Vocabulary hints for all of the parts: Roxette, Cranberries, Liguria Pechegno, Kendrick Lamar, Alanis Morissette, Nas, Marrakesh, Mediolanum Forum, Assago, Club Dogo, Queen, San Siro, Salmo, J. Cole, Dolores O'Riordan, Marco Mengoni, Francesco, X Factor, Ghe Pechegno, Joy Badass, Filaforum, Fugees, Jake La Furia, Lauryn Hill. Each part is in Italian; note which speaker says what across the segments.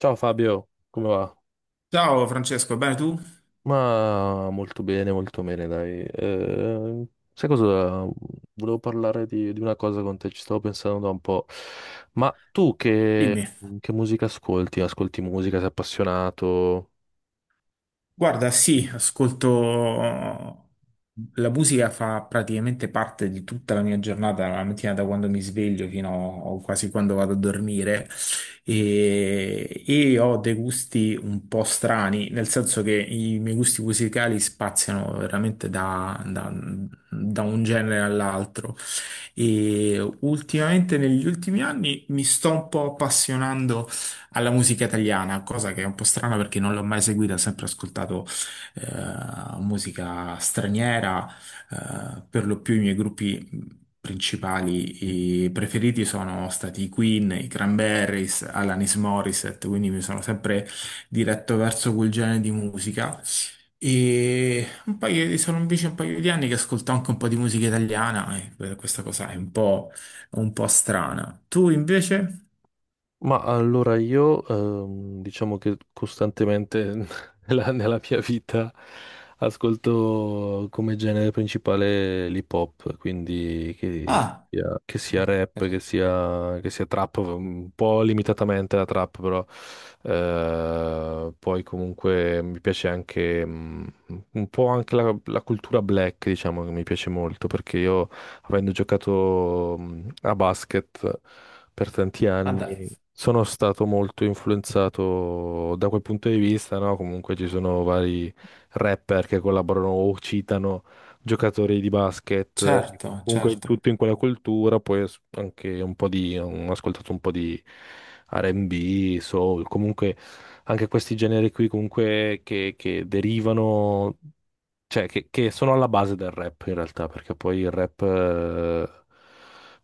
Speaker 1: Ciao Fabio, come va?
Speaker 2: Ciao Francesco, bene tu?
Speaker 1: Ma molto bene, dai. Sai cosa? Volevo parlare di una cosa con te, ci stavo pensando da un po'. Ma tu che,
Speaker 2: Dimmi.
Speaker 1: che musica ascolti? Ascolti musica, sei appassionato?
Speaker 2: Guarda, sì, ascolto... La musica fa praticamente parte di tutta la mia giornata, la mattina da quando mi sveglio fino a quasi quando vado a dormire e ho dei gusti un po' strani, nel senso che i miei gusti musicali spaziano veramente da un genere all'altro e ultimamente negli ultimi anni mi sto un po' appassionando alla musica italiana, cosa che è un po' strana perché non l'ho mai seguita, ho sempre ascoltato musica straniera, per lo più i miei gruppi principali e preferiti sono stati i Queen, i Cranberries, Alanis Morissette, quindi mi sono sempre diretto verso quel genere di musica. E sono invece un paio di anni che ascolto anche un po' di musica italiana e per questa cosa è un po' strana. Tu invece?
Speaker 1: Ma allora io diciamo che costantemente nella mia vita ascolto come genere principale l'hip hop, quindi
Speaker 2: Ah,
Speaker 1: sia che sia rap,
Speaker 2: per-
Speaker 1: che sia trap, un po' limitatamente la trap però, poi comunque mi piace anche un po' anche la cultura black. Diciamo che mi piace molto perché io avendo giocato a basket per tanti
Speaker 2: ah, dai.
Speaker 1: anni, sono stato molto influenzato da quel punto di vista, no? Comunque ci sono vari rapper che collaborano o citano giocatori di basket.
Speaker 2: Certo,
Speaker 1: Comunque
Speaker 2: certo.
Speaker 1: tutto in quella cultura, poi anche ho ascoltato un po' di R&B, soul, comunque anche questi generi qui comunque che derivano, cioè che sono alla base del rap in realtà, perché poi il rap eh,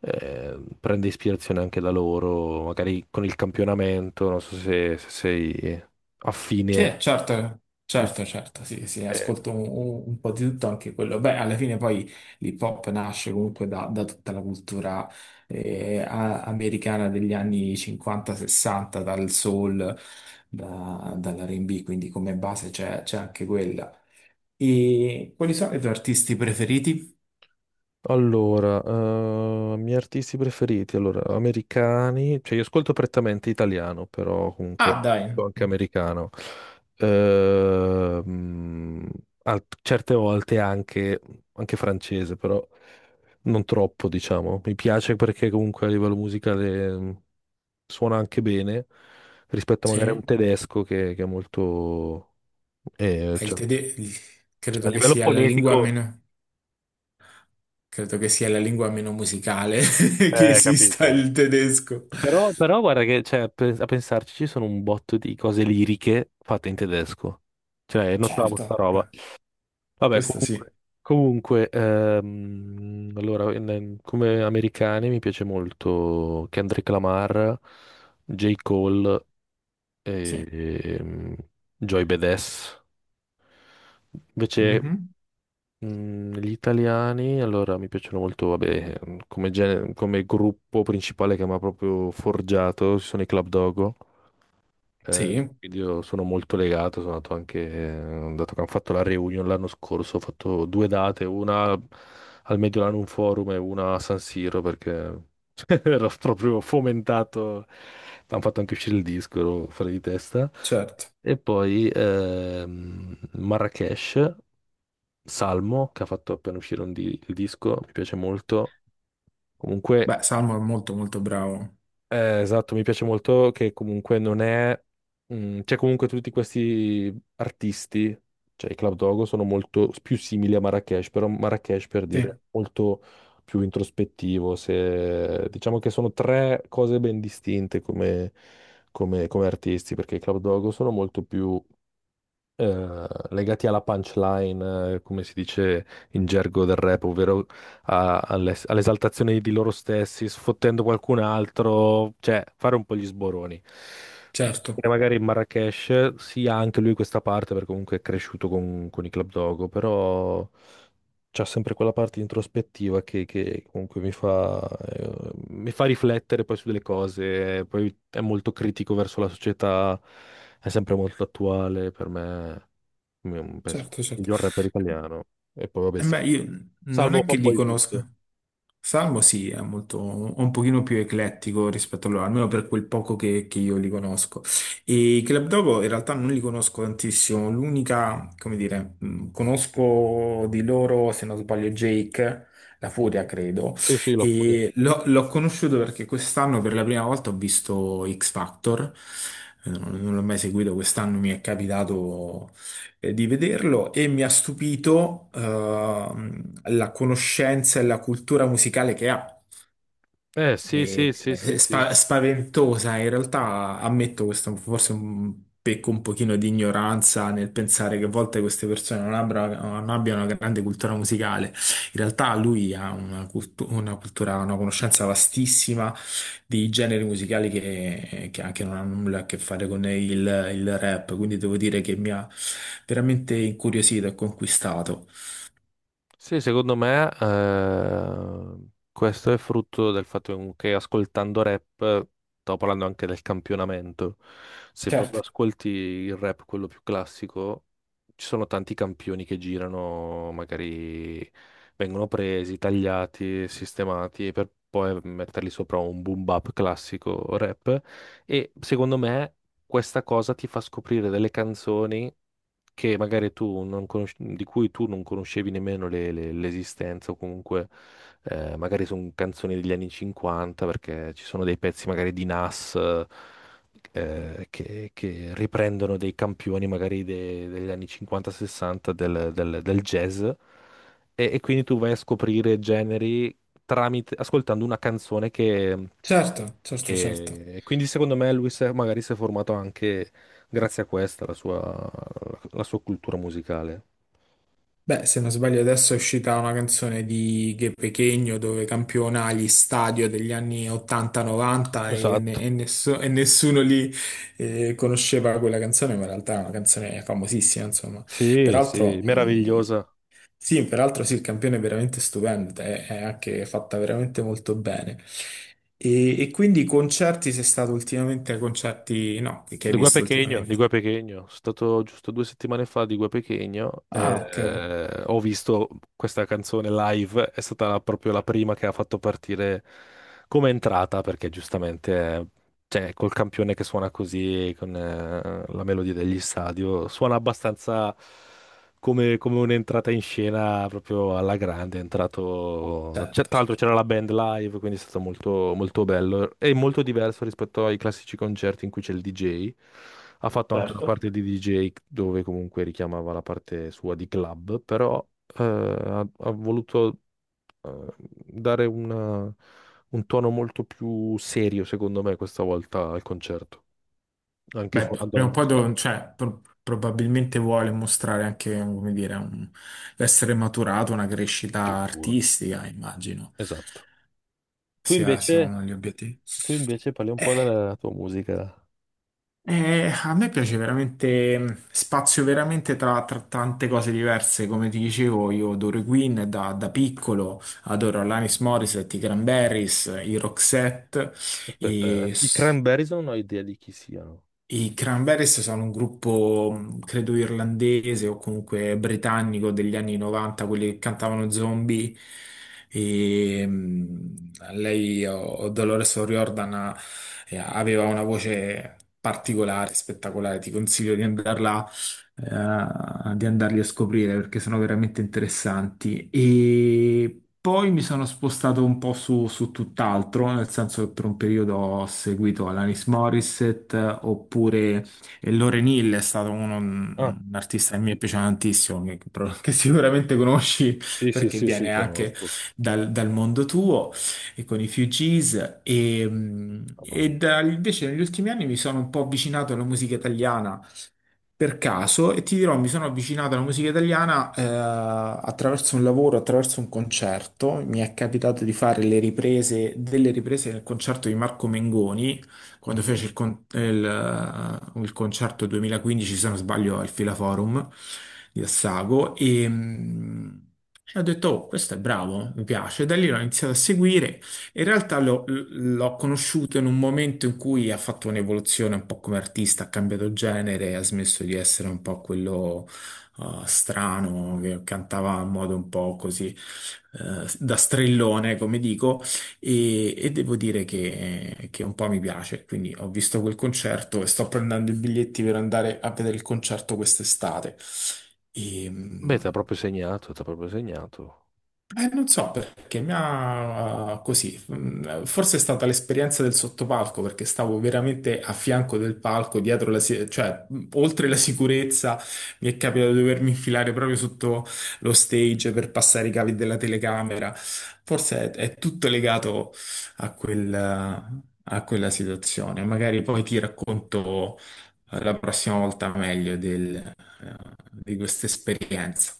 Speaker 1: eh, prende ispirazione anche da loro, magari con il campionamento, non so se sei affine.
Speaker 2: Sì, certo, certo, certo, sì, sì,
Speaker 1: Eh,
Speaker 2: ascolto un po' di tutto anche quello. Beh, alla fine poi l'hip hop nasce comunque da tutta la cultura americana degli anni 50-60, dal soul, dall'R&B, quindi come base c'è anche quella. E quali sono i tuoi artisti preferiti?
Speaker 1: Allora, miei artisti preferiti, allora, americani, cioè io ascolto prettamente italiano, però comunque
Speaker 2: Ah, dai,
Speaker 1: sono anche americano. Ehm, Certe volte anche, francese, però non troppo, diciamo. Mi piace perché comunque a livello musicale suona anche bene rispetto magari a
Speaker 2: sì.
Speaker 1: un tedesco che è molto,
Speaker 2: Beh, il
Speaker 1: cioè,
Speaker 2: tedesco
Speaker 1: a
Speaker 2: credo che
Speaker 1: livello
Speaker 2: sia la lingua
Speaker 1: fonetico,
Speaker 2: meno. Credo che sia la lingua meno musicale che esista
Speaker 1: capito?
Speaker 2: il tedesco.
Speaker 1: Però, guarda che, cioè, a pensarci ci sono un botto di cose liriche fatte in tedesco. Cioè, notavo sta
Speaker 2: Certo.
Speaker 1: roba.
Speaker 2: Beh,
Speaker 1: Vabbè,
Speaker 2: questo sì,
Speaker 1: comunque, allora, come americani mi piace molto Kendrick Lamar, J. Cole
Speaker 2: sì.
Speaker 1: e ehm, Joy Badass. Invece,
Speaker 2: Mhm.
Speaker 1: gli italiani, allora, mi piacciono molto, vabbè, come gruppo principale che mi ha proprio forgiato, ci sono i Club Dogo.
Speaker 2: Sì,
Speaker 1: Quindi io sono molto legato. Sono andato anche, dato che hanno fatto la reunion l'anno scorso, ho fatto due date, una al Mediolanum Forum e una a San Siro perché ero proprio fomentato, hanno fatto anche uscire il disco, ero fuori di testa.
Speaker 2: certo.
Speaker 1: E poi Marrakesh, Salmo, che ha fatto appena uscire il disco, mi piace molto. Comunque.
Speaker 2: Beh, Salmo è molto molto bravo.
Speaker 1: Esatto, mi piace molto che comunque non è. C'è comunque tutti questi artisti, cioè i Club Dogo sono molto più simili a Marrakesh, però Marrakesh per dire
Speaker 2: Sì,
Speaker 1: è molto più introspettivo. Se... Diciamo che sono tre cose ben distinte come artisti, perché i Club Dogo sono molto più legati alla punchline, come si dice in gergo del rap, ovvero all'esaltazione di loro stessi, sfottendo qualcun altro, cioè fare un po' gli sboroni.
Speaker 2: certo,
Speaker 1: E magari in Marrakesh sia anche lui questa parte, perché comunque è cresciuto con i Club Dogo, però c'ha sempre quella parte introspettiva che comunque mi fa riflettere poi su delle cose. Poi è molto critico verso la società, è sempre molto attuale, per me penso
Speaker 2: certo, certo.
Speaker 1: miglior rapper italiano. E poi vabbè,
Speaker 2: Eh beh, io non
Speaker 1: Salmo
Speaker 2: è
Speaker 1: fa
Speaker 2: che
Speaker 1: un po'
Speaker 2: li
Speaker 1: di
Speaker 2: conosca.
Speaker 1: tutto.
Speaker 2: Salmo sì, è molto, un pochino più eclettico rispetto a loro, almeno per quel poco che io li conosco. E i Club Dogo in realtà non li conosco tantissimo, l'unica, come dire, conosco di loro, se non sbaglio, Jake, La Furia,
Speaker 1: Mhm.
Speaker 2: credo,
Speaker 1: Sì, sì, la furia.
Speaker 2: e l'ho conosciuto perché quest'anno per la prima volta ho visto X Factor. Non l'ho mai seguito, quest'anno mi è capitato di vederlo e mi ha stupito la conoscenza e la cultura musicale che ha.
Speaker 1: Eh sì, sì,
Speaker 2: E-
Speaker 1: sì, sì,
Speaker 2: e
Speaker 1: sì.
Speaker 2: spaventosa, in realtà ammetto questo, forse pecco un pochino di ignoranza nel pensare che a volte queste persone non abbiano una grande cultura musicale. In realtà lui ha una cultura, una conoscenza vastissima di generi musicali che anche non hanno nulla a che fare con il rap, quindi devo dire che mi ha veramente incuriosito e conquistato.
Speaker 1: Sì, secondo me questo è frutto del fatto che comunque ascoltando rap, stavo parlando anche del campionamento, se proprio
Speaker 2: Certo,
Speaker 1: ascolti il rap, quello più classico, ci sono tanti campioni che girano, magari vengono presi, tagliati, sistemati per poi metterli sopra un boom bap classico rap, e secondo me questa cosa ti fa scoprire delle canzoni che magari tu non conosci- di cui tu non conoscevi nemmeno l'esistenza, o comunque magari sono canzoni degli anni 50, perché ci sono dei pezzi magari di Nas che riprendono dei campioni magari degli anni 50-60 del jazz. E, quindi tu vai a scoprire generi tramite, ascoltando una canzone che,
Speaker 2: certo, certo, certo.
Speaker 1: che... Quindi secondo me lui magari si è formato anche grazie a questa, la sua cultura musicale.
Speaker 2: Beh, se non sbaglio adesso è uscita una canzone di Ghe Pechegno dove campiona gli stadio degli anni 80-90 e, ne-
Speaker 1: Esatto.
Speaker 2: e nesso- e nessuno lì conosceva quella canzone, ma in realtà è una canzone famosissima, insomma.
Speaker 1: Sì, sì,
Speaker 2: Peraltro,
Speaker 1: meravigliosa.
Speaker 2: sì, peraltro sì, il campione è veramente stupendo, è anche fatta veramente molto bene. E quindi concerti, sei stato ultimamente ai concerti, no, che hai
Speaker 1: Liguria
Speaker 2: visto
Speaker 1: Pechegno,
Speaker 2: ultimamente?
Speaker 1: Liguria Pechegno. Sono stato giusto 2 settimane fa a Liguria Pechegno
Speaker 2: Ah,
Speaker 1: e
Speaker 2: ok,
Speaker 1: ho visto questa canzone live. È stata proprio la prima che ha fatto partire come entrata, perché giustamente, cioè, col campione che suona così, con la melodia degli stadio, suona abbastanza come un'entrata in scena proprio alla grande. È entrato. c'è-
Speaker 2: certo,
Speaker 1: tra l'altro
Speaker 2: certo.
Speaker 1: c'era la band live, quindi è stato molto, molto bello. È molto diverso rispetto ai classici concerti in cui c'è il DJ. Ha fatto anche una
Speaker 2: Certo.
Speaker 1: parte di DJ dove comunque richiamava la parte sua di club, però ha voluto eh, dare un tono molto più serio, secondo me, questa volta al concerto, anche
Speaker 2: Beh,
Speaker 1: suonando la
Speaker 2: prima o poi
Speaker 1: musica,
Speaker 2: cioè, probabilmente vuole mostrare anche, come dire, essere maturato, una crescita
Speaker 1: sicuro.
Speaker 2: artistica, immagino,
Speaker 1: Esatto. Tu
Speaker 2: sia, sia
Speaker 1: invece?
Speaker 2: uno degli obiettivi.
Speaker 1: Tu invece parli un po' della tua musica.
Speaker 2: A me piace veramente, spazio veramente tra tante cose diverse, come ti dicevo, io adoro i Queen da piccolo, adoro Alanis Morissette, i Cranberries, i Roxette,
Speaker 1: Aspetta,
Speaker 2: e
Speaker 1: eh. I
Speaker 2: s-
Speaker 1: Cranberries non ho idea di chi siano.
Speaker 2: I Cranberries sono un gruppo, credo irlandese o comunque britannico degli anni 90, quelli che cantavano Zombie. E, lei, o Dolores O'Riordan, aveva una voce particolare, spettacolare. Ti consiglio di andarli a scoprire perché sono veramente interessanti. E poi mi sono spostato un po' su tutt'altro, nel senso che per un periodo ho seguito Alanis Morissette oppure e Lauryn Hill è stato
Speaker 1: Ah,
Speaker 2: un artista che mi piace tantissimo, che sicuramente conosci
Speaker 1: sì, sì,
Speaker 2: perché
Speaker 1: sì, sì,
Speaker 2: viene anche
Speaker 1: conosco.
Speaker 2: dal mondo tuo e con i Fugees,
Speaker 1: Mamma mia.
Speaker 2: invece negli ultimi anni mi sono un po' avvicinato alla musica italiana per caso e ti dirò, mi sono avvicinato alla musica italiana attraverso un lavoro, attraverso un concerto. Mi è capitato di fare le riprese, delle riprese del concerto di Marco Mengoni quando
Speaker 1: Mhm.
Speaker 2: fece il concerto 2015, se non sbaglio, al Filaforum di Assago e ho detto, oh, questo è bravo, mi piace. Da lì l'ho iniziato a seguire, in realtà l'ho conosciuto in un momento in cui ha fatto un'evoluzione un po' come artista, ha cambiato genere, ha smesso di essere un po' quello strano che cantava in modo un po' così da strellone, come dico, e devo dire che un po' mi piace. Quindi ho visto quel concerto e sto prendendo i biglietti per andare a vedere il concerto quest'estate. E,
Speaker 1: Beh, ti ha proprio segnato, ti ha proprio segnato.
Speaker 2: eh, non so perché mi ha così, forse è stata l'esperienza del sottopalco perché stavo veramente a fianco del palco, dietro cioè oltre la sicurezza mi è capitato di dovermi infilare proprio sotto lo stage per passare i cavi della telecamera. Forse è tutto legato a quel, a quella situazione. Magari poi ti racconto la prossima volta meglio di questa esperienza.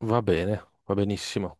Speaker 1: Va bene, va benissimo.